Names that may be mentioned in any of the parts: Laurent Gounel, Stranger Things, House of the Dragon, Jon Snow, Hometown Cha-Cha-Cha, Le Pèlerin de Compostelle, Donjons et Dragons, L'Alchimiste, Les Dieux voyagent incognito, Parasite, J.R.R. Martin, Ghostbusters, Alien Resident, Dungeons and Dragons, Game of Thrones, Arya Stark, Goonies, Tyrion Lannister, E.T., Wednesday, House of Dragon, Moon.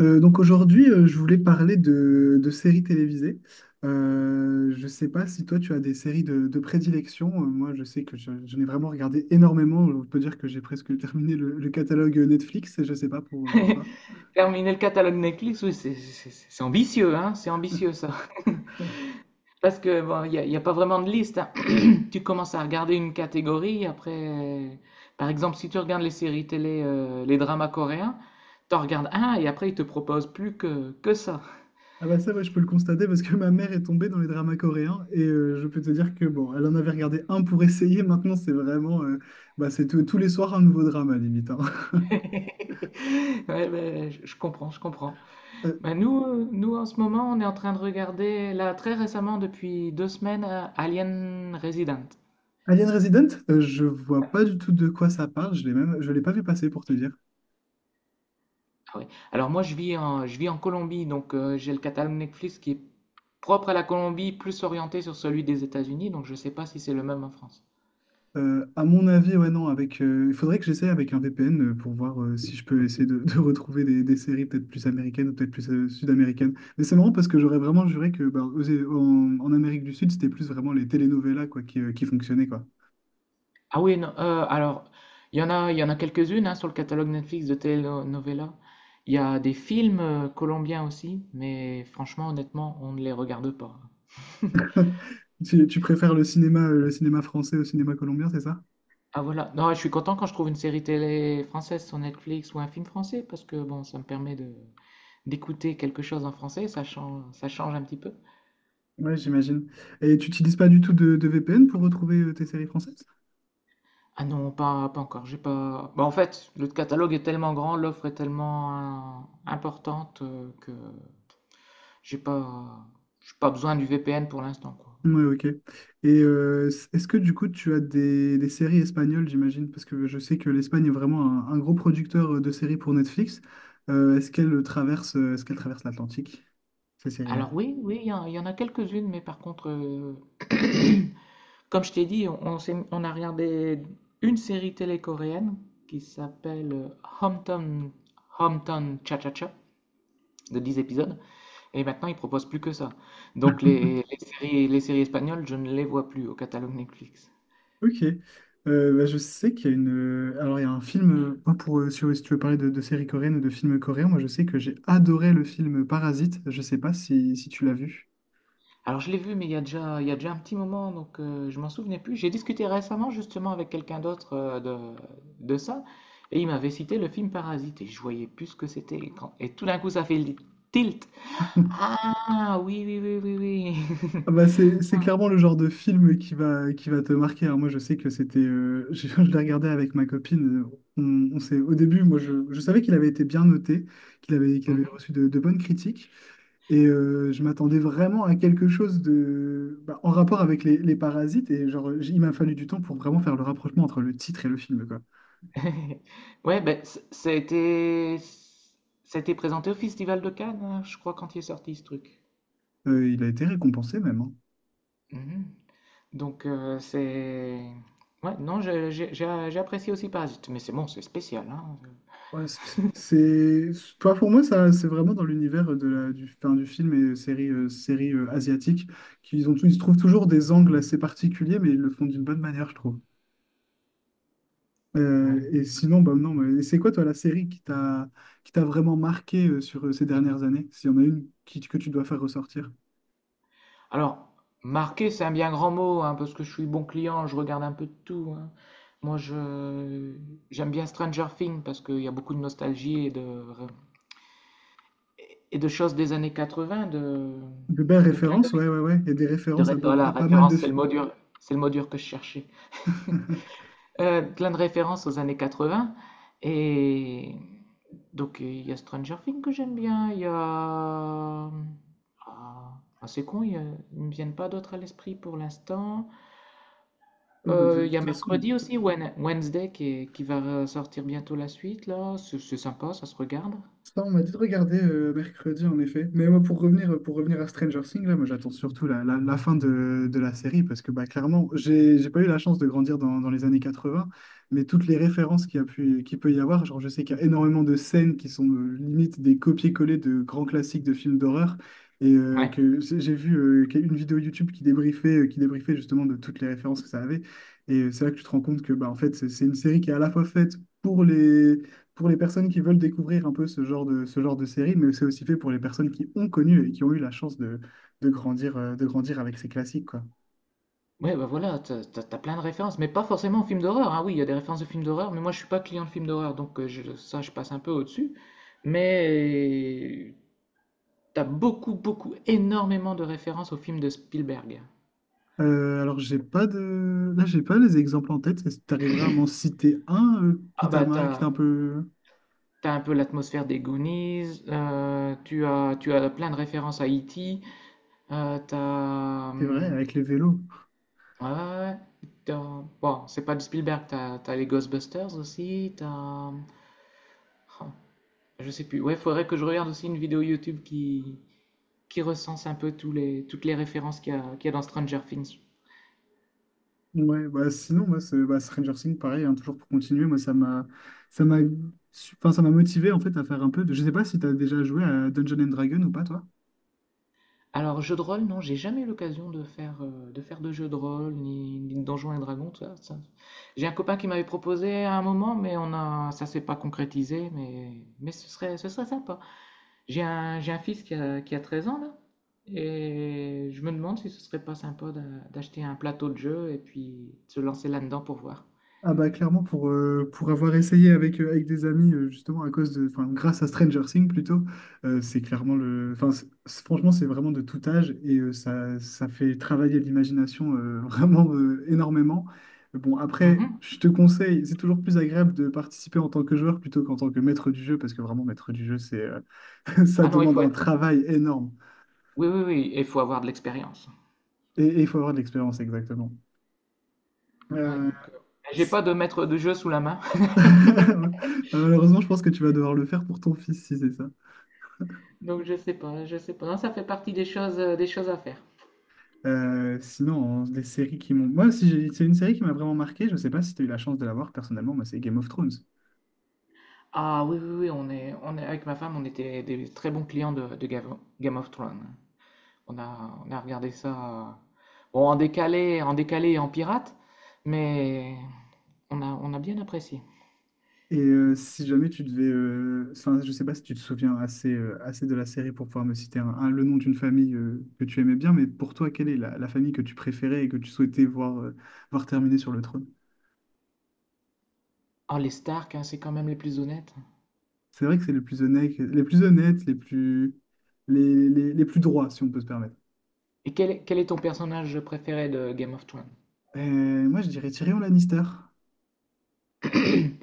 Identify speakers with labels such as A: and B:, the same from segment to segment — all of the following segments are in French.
A: Donc aujourd'hui, je voulais parler de séries télévisées. Je ne sais pas si toi, tu as des séries de prédilection. Moi, je sais que j'en ai vraiment regardé énormément. On peut dire que j'ai presque terminé le catalogue Netflix. Et je ne sais pas pour toi.
B: Terminer le catalogue Netflix, oui, c'est ambitieux, hein, c'est ambitieux ça. Parce que bon, il y a pas vraiment de liste, hein. Tu commences à regarder une catégorie, après, par exemple, si tu regardes les séries télé, les dramas coréens, t'en regardes un et après ils te proposent plus que ça.
A: Ah bah ça, ouais, je peux le constater parce que ma mère est tombée dans les dramas coréens et je peux te dire que bon, elle en avait regardé un pour essayer. Maintenant, c'est vraiment, c'est tous tous les soirs un nouveau drama limite, hein.
B: Ouais, ben, je comprends, je comprends.
A: Euh,
B: Ben, nous, nous, en ce moment, on est en train de regarder, là, très récemment, depuis 2 semaines, Alien Resident.
A: Alien Resident, je vois pas du tout de quoi ça parle. Je l'ai même, je l'ai pas vu passer pour te dire.
B: Ah oui. Alors moi je vis en Colombie, donc j'ai le catalogue Netflix qui est propre à la Colombie, plus orienté sur celui des États-Unis, donc je ne sais pas si c'est le même en France.
A: À mon avis, ouais, non, avec, il faudrait que j'essaie avec un VPN pour voir si je peux essayer de, de retrouver des séries peut-être plus américaines ou peut-être plus sud-américaines. Mais c'est marrant parce que j'aurais vraiment juré que bah, en, en Amérique du Sud, c'était plus vraiment les telenovelas quoi, qui fonctionnaient, quoi.
B: Ah oui, non, alors il y en a quelques-unes, hein, sur le catalogue Netflix de telenovela. Il y a des films colombiens aussi, mais franchement, honnêtement, on ne les regarde pas.
A: Tu préfères le cinéma français au cinéma colombien, c'est ça?
B: Ah voilà, non, je suis content quand je trouve une série télé française sur Netflix ou un film français, parce que bon, ça me permet de d'écouter quelque chose en français, ça change un petit peu.
A: Ouais, j'imagine. Et tu n'utilises pas du tout de VPN pour retrouver tes séries françaises?
B: Ah non, pas encore. J'ai pas. Bah, en fait, le catalogue est tellement grand, l'offre est tellement importante, que j'ai pas, j'ai pas besoin du VPN pour l'instant, quoi.
A: Ouais, ok. Et est-ce que du coup tu as des séries espagnoles, j'imagine? Parce que je sais que l'Espagne est vraiment un gros producteur de séries pour Netflix. Est-ce qu'elle traverse, est-ce qu'elle traverse l'Atlantique, ces séries-là?
B: Alors oui, oui, il y en a quelques-unes, mais par contre, comme je t'ai dit, on a regardé une série télé coréenne qui s'appelle Hometown, Hometown Cha-Cha-Cha de 10 épisodes, et maintenant ils proposent plus que ça. Donc les séries espagnoles, je ne les vois plus au catalogue Netflix.
A: Ok. Bah, je sais qu'il y a une. Alors, il y a un film, pas pour, si, si tu veux parler de séries coréennes ou de films coréens, moi je sais que j'ai adoré le film Parasite. Je sais pas si, si tu l'as vu.
B: Alors je l'ai vu, mais il y a déjà un petit moment, donc je m'en souvenais plus. J'ai discuté récemment justement avec quelqu'un d'autre, de ça, et il m'avait cité le film Parasite, et je voyais plus ce que c'était. Et tout d'un coup, ça fait le tilt. Ah oui, oui, oui, oui, oui.
A: Ah bah c'est clairement le genre de film qui va te marquer. Alors moi, je sais que c'était, je l'ai regardé avec ma copine. On s'est, au début, moi, je savais qu'il avait été bien noté, qu'il avait
B: Mhm.
A: reçu de bonnes critiques. Et je m'attendais vraiment à quelque chose de, bah, en rapport avec les parasites. Et genre, il m'a fallu du temps pour vraiment faire le rapprochement entre le titre et le film, quoi.
B: Ouais, ben ça a été présenté au Festival de Cannes, hein, je crois, quand il est sorti ce truc.
A: Il a été récompensé même, hein.
B: Mhm. Donc ouais, non, j'ai apprécié aussi Parasite, mais c'est bon, c'est spécial, hein.
A: Ouais, c'est toi pour moi ça c'est vraiment dans l'univers de la du enfin, du film et série série asiatique ils trouvent toujours des angles assez particuliers mais ils le font d'une bonne manière je trouve.
B: Ouais.
A: Et sinon bah non mais c'est quoi toi la série qui t'a vraiment marqué sur ces dernières années s'il y en a une qui, que tu dois faire ressortir.
B: Alors, marquer, c'est un bien grand mot, hein, parce que je suis bon client, je regarde un peu de tout, hein. Moi, je j'aime bien Stranger Things parce qu'il y a beaucoup de nostalgie et de choses des années 80, de
A: De belles
B: de clin d'œil,
A: références ouais ouais ouais et des références à,
B: voilà,
A: à pas mal de
B: référence, c'est le
A: films.
B: mot dur, c'est le mot dur que je cherchais. Plein de références aux années 80, et donc il y a Stranger Things que j'aime bien, il y a c'est con, ils ne me viennent pas d'autres à l'esprit pour l'instant.
A: Ouais, bah, de
B: Il y a
A: toute façon.
B: Mercredi aussi, Wednesday, qui va sortir bientôt la suite, là. C'est sympa, ça se regarde.
A: Ça, on m'a dit de regarder mercredi, en effet. Mais moi, pour revenir à Stranger Things, là, moi, j'attends surtout la, la fin de la série parce que, bah, clairement, j'ai pas eu la chance de grandir dans, dans les années 80, mais toutes les références qu'il y a pu, qu'il peut y avoir, genre, je sais qu'il y a énormément de scènes qui sont limite des copier-coller de grands classiques de films d'horreur et
B: Ouais.
A: j'ai vu qu'il y a une vidéo YouTube qui débriefait justement de toutes les références que ça avait. Et c'est là que tu te rends compte que, bah, en fait, c'est une série qui est à la fois faite pour les pour les personnes qui veulent découvrir un peu ce genre de série, mais c'est aussi fait pour les personnes qui ont connu et qui ont eu la chance de grandir, de grandir avec ces classiques, quoi.
B: Ouais, bah voilà, t'as plein de références, mais pas forcément films d'horreur, hein. Oui, il y a des références de films d'horreur, mais moi je suis pas client de films d'horreur, donc ça je passe un peu au-dessus. Mais t'as beaucoup, beaucoup, énormément de références aux films de Spielberg.
A: Alors, j'ai pas de... Là, j'ai pas les exemples en tête. Est-ce que tu arriveras à m'en citer un qui
B: Ah
A: t'a
B: bah
A: marqué, qui t'a
B: t'as,
A: un peu...
B: t'as un peu l'atmosphère des Goonies, tu as plein de références à E.T., euh, t'as,
A: C'est vrai,
B: hum,
A: avec les vélos.
B: Ouais, ouais, ouais. Bon, c'est pas du Spielberg, t'as les Ghostbusters aussi. Oh, je sais plus. Ouais, faudrait que je regarde aussi une vidéo YouTube qui recense un peu toutes les références qu'il y a dans Stranger Things.
A: Ouais, bah sinon, moi, bah, Stranger Things, pareil, hein, toujours pour continuer, moi, ça m'a enfin, ça m'a motivé, en fait, à faire un peu de... Je sais pas si t'as déjà joué à Dungeons and Dragons ou pas, toi?
B: Alors, jeu de rôle, non, j'ai jamais eu l'occasion de faire de jeu de rôle, ni de Donjons et Dragons, tout ça, ça. J'ai un copain qui m'avait proposé à un moment, mais ça s'est pas concrétisé, mais ce serait sympa. J'ai un fils qui a 13 ans là, et je me demande si ce serait pas sympa d'acheter un plateau de jeu et puis de se lancer là-dedans pour voir.
A: Ah bah clairement pour avoir essayé avec, avec des amis justement à cause de enfin grâce à Stranger Things plutôt c'est clairement le enfin franchement c'est vraiment de tout âge et ça, ça fait travailler l'imagination vraiment énormément. Bon après
B: Mhm.
A: je te conseille c'est toujours plus agréable de participer en tant que joueur plutôt qu'en tant que maître du jeu parce que vraiment maître du jeu c'est ça
B: Ah non, il
A: demande
B: faut
A: un
B: être.
A: travail énorme
B: Oui, oui, oui, il faut avoir de l'expérience.
A: et il faut avoir de l'expérience exactement.
B: Ouais,
A: Euh,
B: donc j'ai pas de maître de jeu sous la main,
A: malheureusement je pense que tu vas devoir le faire pour ton fils si c'est ça.
B: donc je sais pas, je sais pas. Non, ça fait partie des choses à faire.
A: Sinon, hein, les séries qui m'ont... Moi, si j'ai- c'est une série qui m'a vraiment marqué, je ne sais pas si tu as eu la chance de la voir personnellement, moi, c'est Game of Thrones.
B: Ah oui, oui, oui, on est avec ma femme, on était des très bons clients de Game of Thrones. On a regardé ça, bon, en décalé et en pirate, mais on a bien apprécié.
A: Et si jamais tu devais... Enfin, je ne sais pas si tu te souviens assez, assez de la série pour pouvoir me citer un, le nom d'une famille que tu aimais bien, mais pour toi, quelle est la, la famille que tu préférais et que tu souhaitais voir, voir terminer sur le trône?
B: Oh, les Stark, hein, c'est quand même les plus honnêtes.
A: C'est vrai que c'est les plus honnêtes, les plus honnêtes, les plus droits, si on peut se permettre.
B: Et quel est ton personnage préféré de Game of Thrones?
A: Moi, je dirais Tyrion Lannister.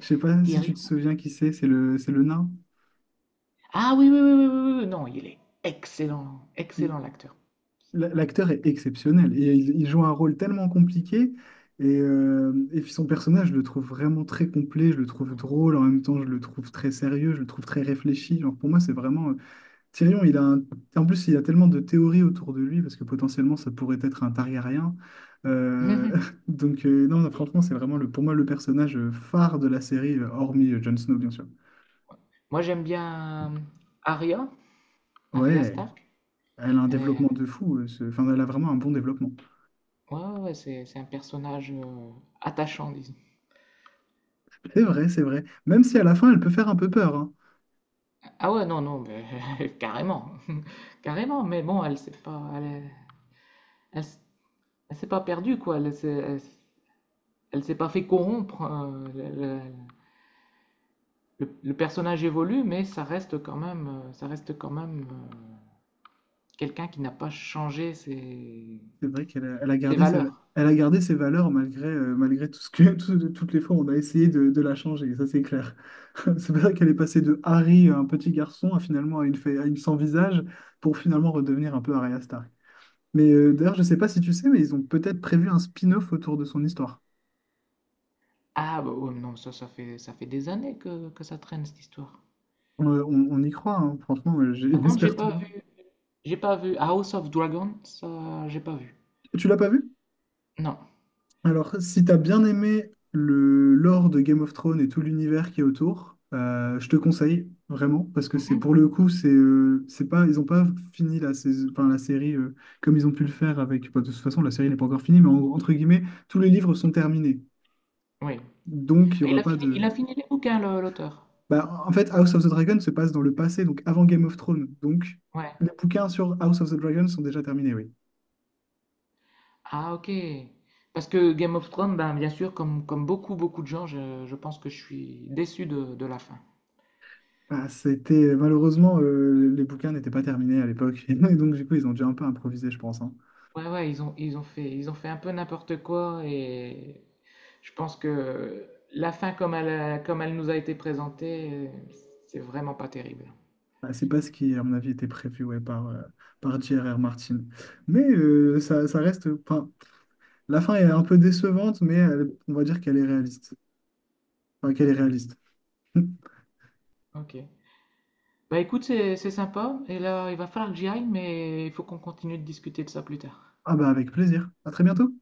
A: Je sais pas si tu te
B: Tyrion.
A: souviens qui c'est le nain.
B: Ah oui, oui, oui, oui, oui, oui, non, il est excellent, excellent l'acteur.
A: L'acteur est exceptionnel et il joue un rôle tellement compliqué. Et puis son personnage, je le trouve vraiment très complet, je le trouve drôle, en même temps je le trouve très sérieux, je le trouve très réfléchi. Genre pour moi, c'est vraiment... Tyrion, en plus, il y a tellement de théories autour de lui, parce que potentiellement, ça pourrait être un Targaryen. Euh,
B: Moi,
A: donc non, non, franchement, c'est vraiment le, pour moi le personnage phare de la série, hormis Jon Snow, bien sûr.
B: j'aime bien Arya, Arya
A: Ouais,
B: Stark.
A: elle a un
B: Elle est-
A: développement de fou, enfin, elle a vraiment un bon développement.
B: Ouais, ouais, ouais, c'est un personnage attachant, disons.
A: C'est vrai, c'est vrai. Même si à la fin, elle peut faire un peu peur, hein.
B: Ah ouais, non, non, mais carrément, carrément. Mais bon, elle, s- elle s'est pas perdue quoi. Elle s'est pas fait corrompre. Le personnage évolue, mais ça reste quand même quelqu'un qui n'a pas changé ses,
A: C'est vrai qu'elle a, elle a
B: ses
A: gardé ses,
B: valeurs.
A: elle a gardé ses valeurs malgré, malgré tout ce que, toutes les fois où on a essayé de la changer. Ça, c'est clair. C'est vrai qu'elle est passée de Harry, un petit garçon, à finalement à une, à une sans visage, pour finalement redevenir un peu Arya Stark. Mais d'ailleurs, je sais pas si tu sais, mais ils ont peut-être prévu un spin-off autour de son histoire.
B: Ah bah ouais, non, ça fait des années que ça traîne cette histoire.
A: On y croit, hein. Franchement,
B: Par contre,
A: j'espère toujours.
B: j'ai pas vu House of Dragon, ça, j'ai pas vu.
A: Tu l'as pas vu?
B: Non.
A: Alors, si t'as bien aimé le lore de Game of Thrones et tout l'univers qui est autour, je te conseille vraiment parce que c'est pour
B: Mhm.
A: le coup, c'est pas, ils ont pas fini la saison, enfin, la série comme ils ont pu le faire avec, bah, de toute façon, la série n'est pas encore finie, mais entre guillemets, tous les livres sont terminés,
B: Oui.
A: donc il y
B: Il
A: aura
B: a
A: pas
B: fini, il
A: de.
B: a fini les bouquins, l'auteur.
A: Bah, en fait, House of the Dragon se passe dans le passé, donc avant Game of Thrones, donc
B: Ouais.
A: les bouquins sur House of the Dragon sont déjà terminés, oui.
B: Ah, ok. Parce que Game of Thrones, ben, bien sûr, comme beaucoup, beaucoup de gens, je pense que je suis déçu de la fin.
A: Ah, c'était malheureusement les bouquins n'étaient pas terminés à l'époque et donc du coup ils ont dû un peu improviser je pense hein.
B: Ouais, ouais, ils ont fait un peu n'importe quoi, et je pense que la fin, comme elle nous a été présentée, c'est vraiment pas terrible.
A: Ah, c'est pas ce qui à mon avis était prévu ouais, par par J.R.R. Martin mais ça, ça reste enfin la fin est un peu décevante mais on va dire qu'elle est réaliste enfin qu'elle est réaliste
B: Ok. Bah écoute, c'est sympa et là, il va falloir que j'y aille, mais il faut qu'on continue de discuter de ça plus tard.
A: ah bah avec plaisir à très bientôt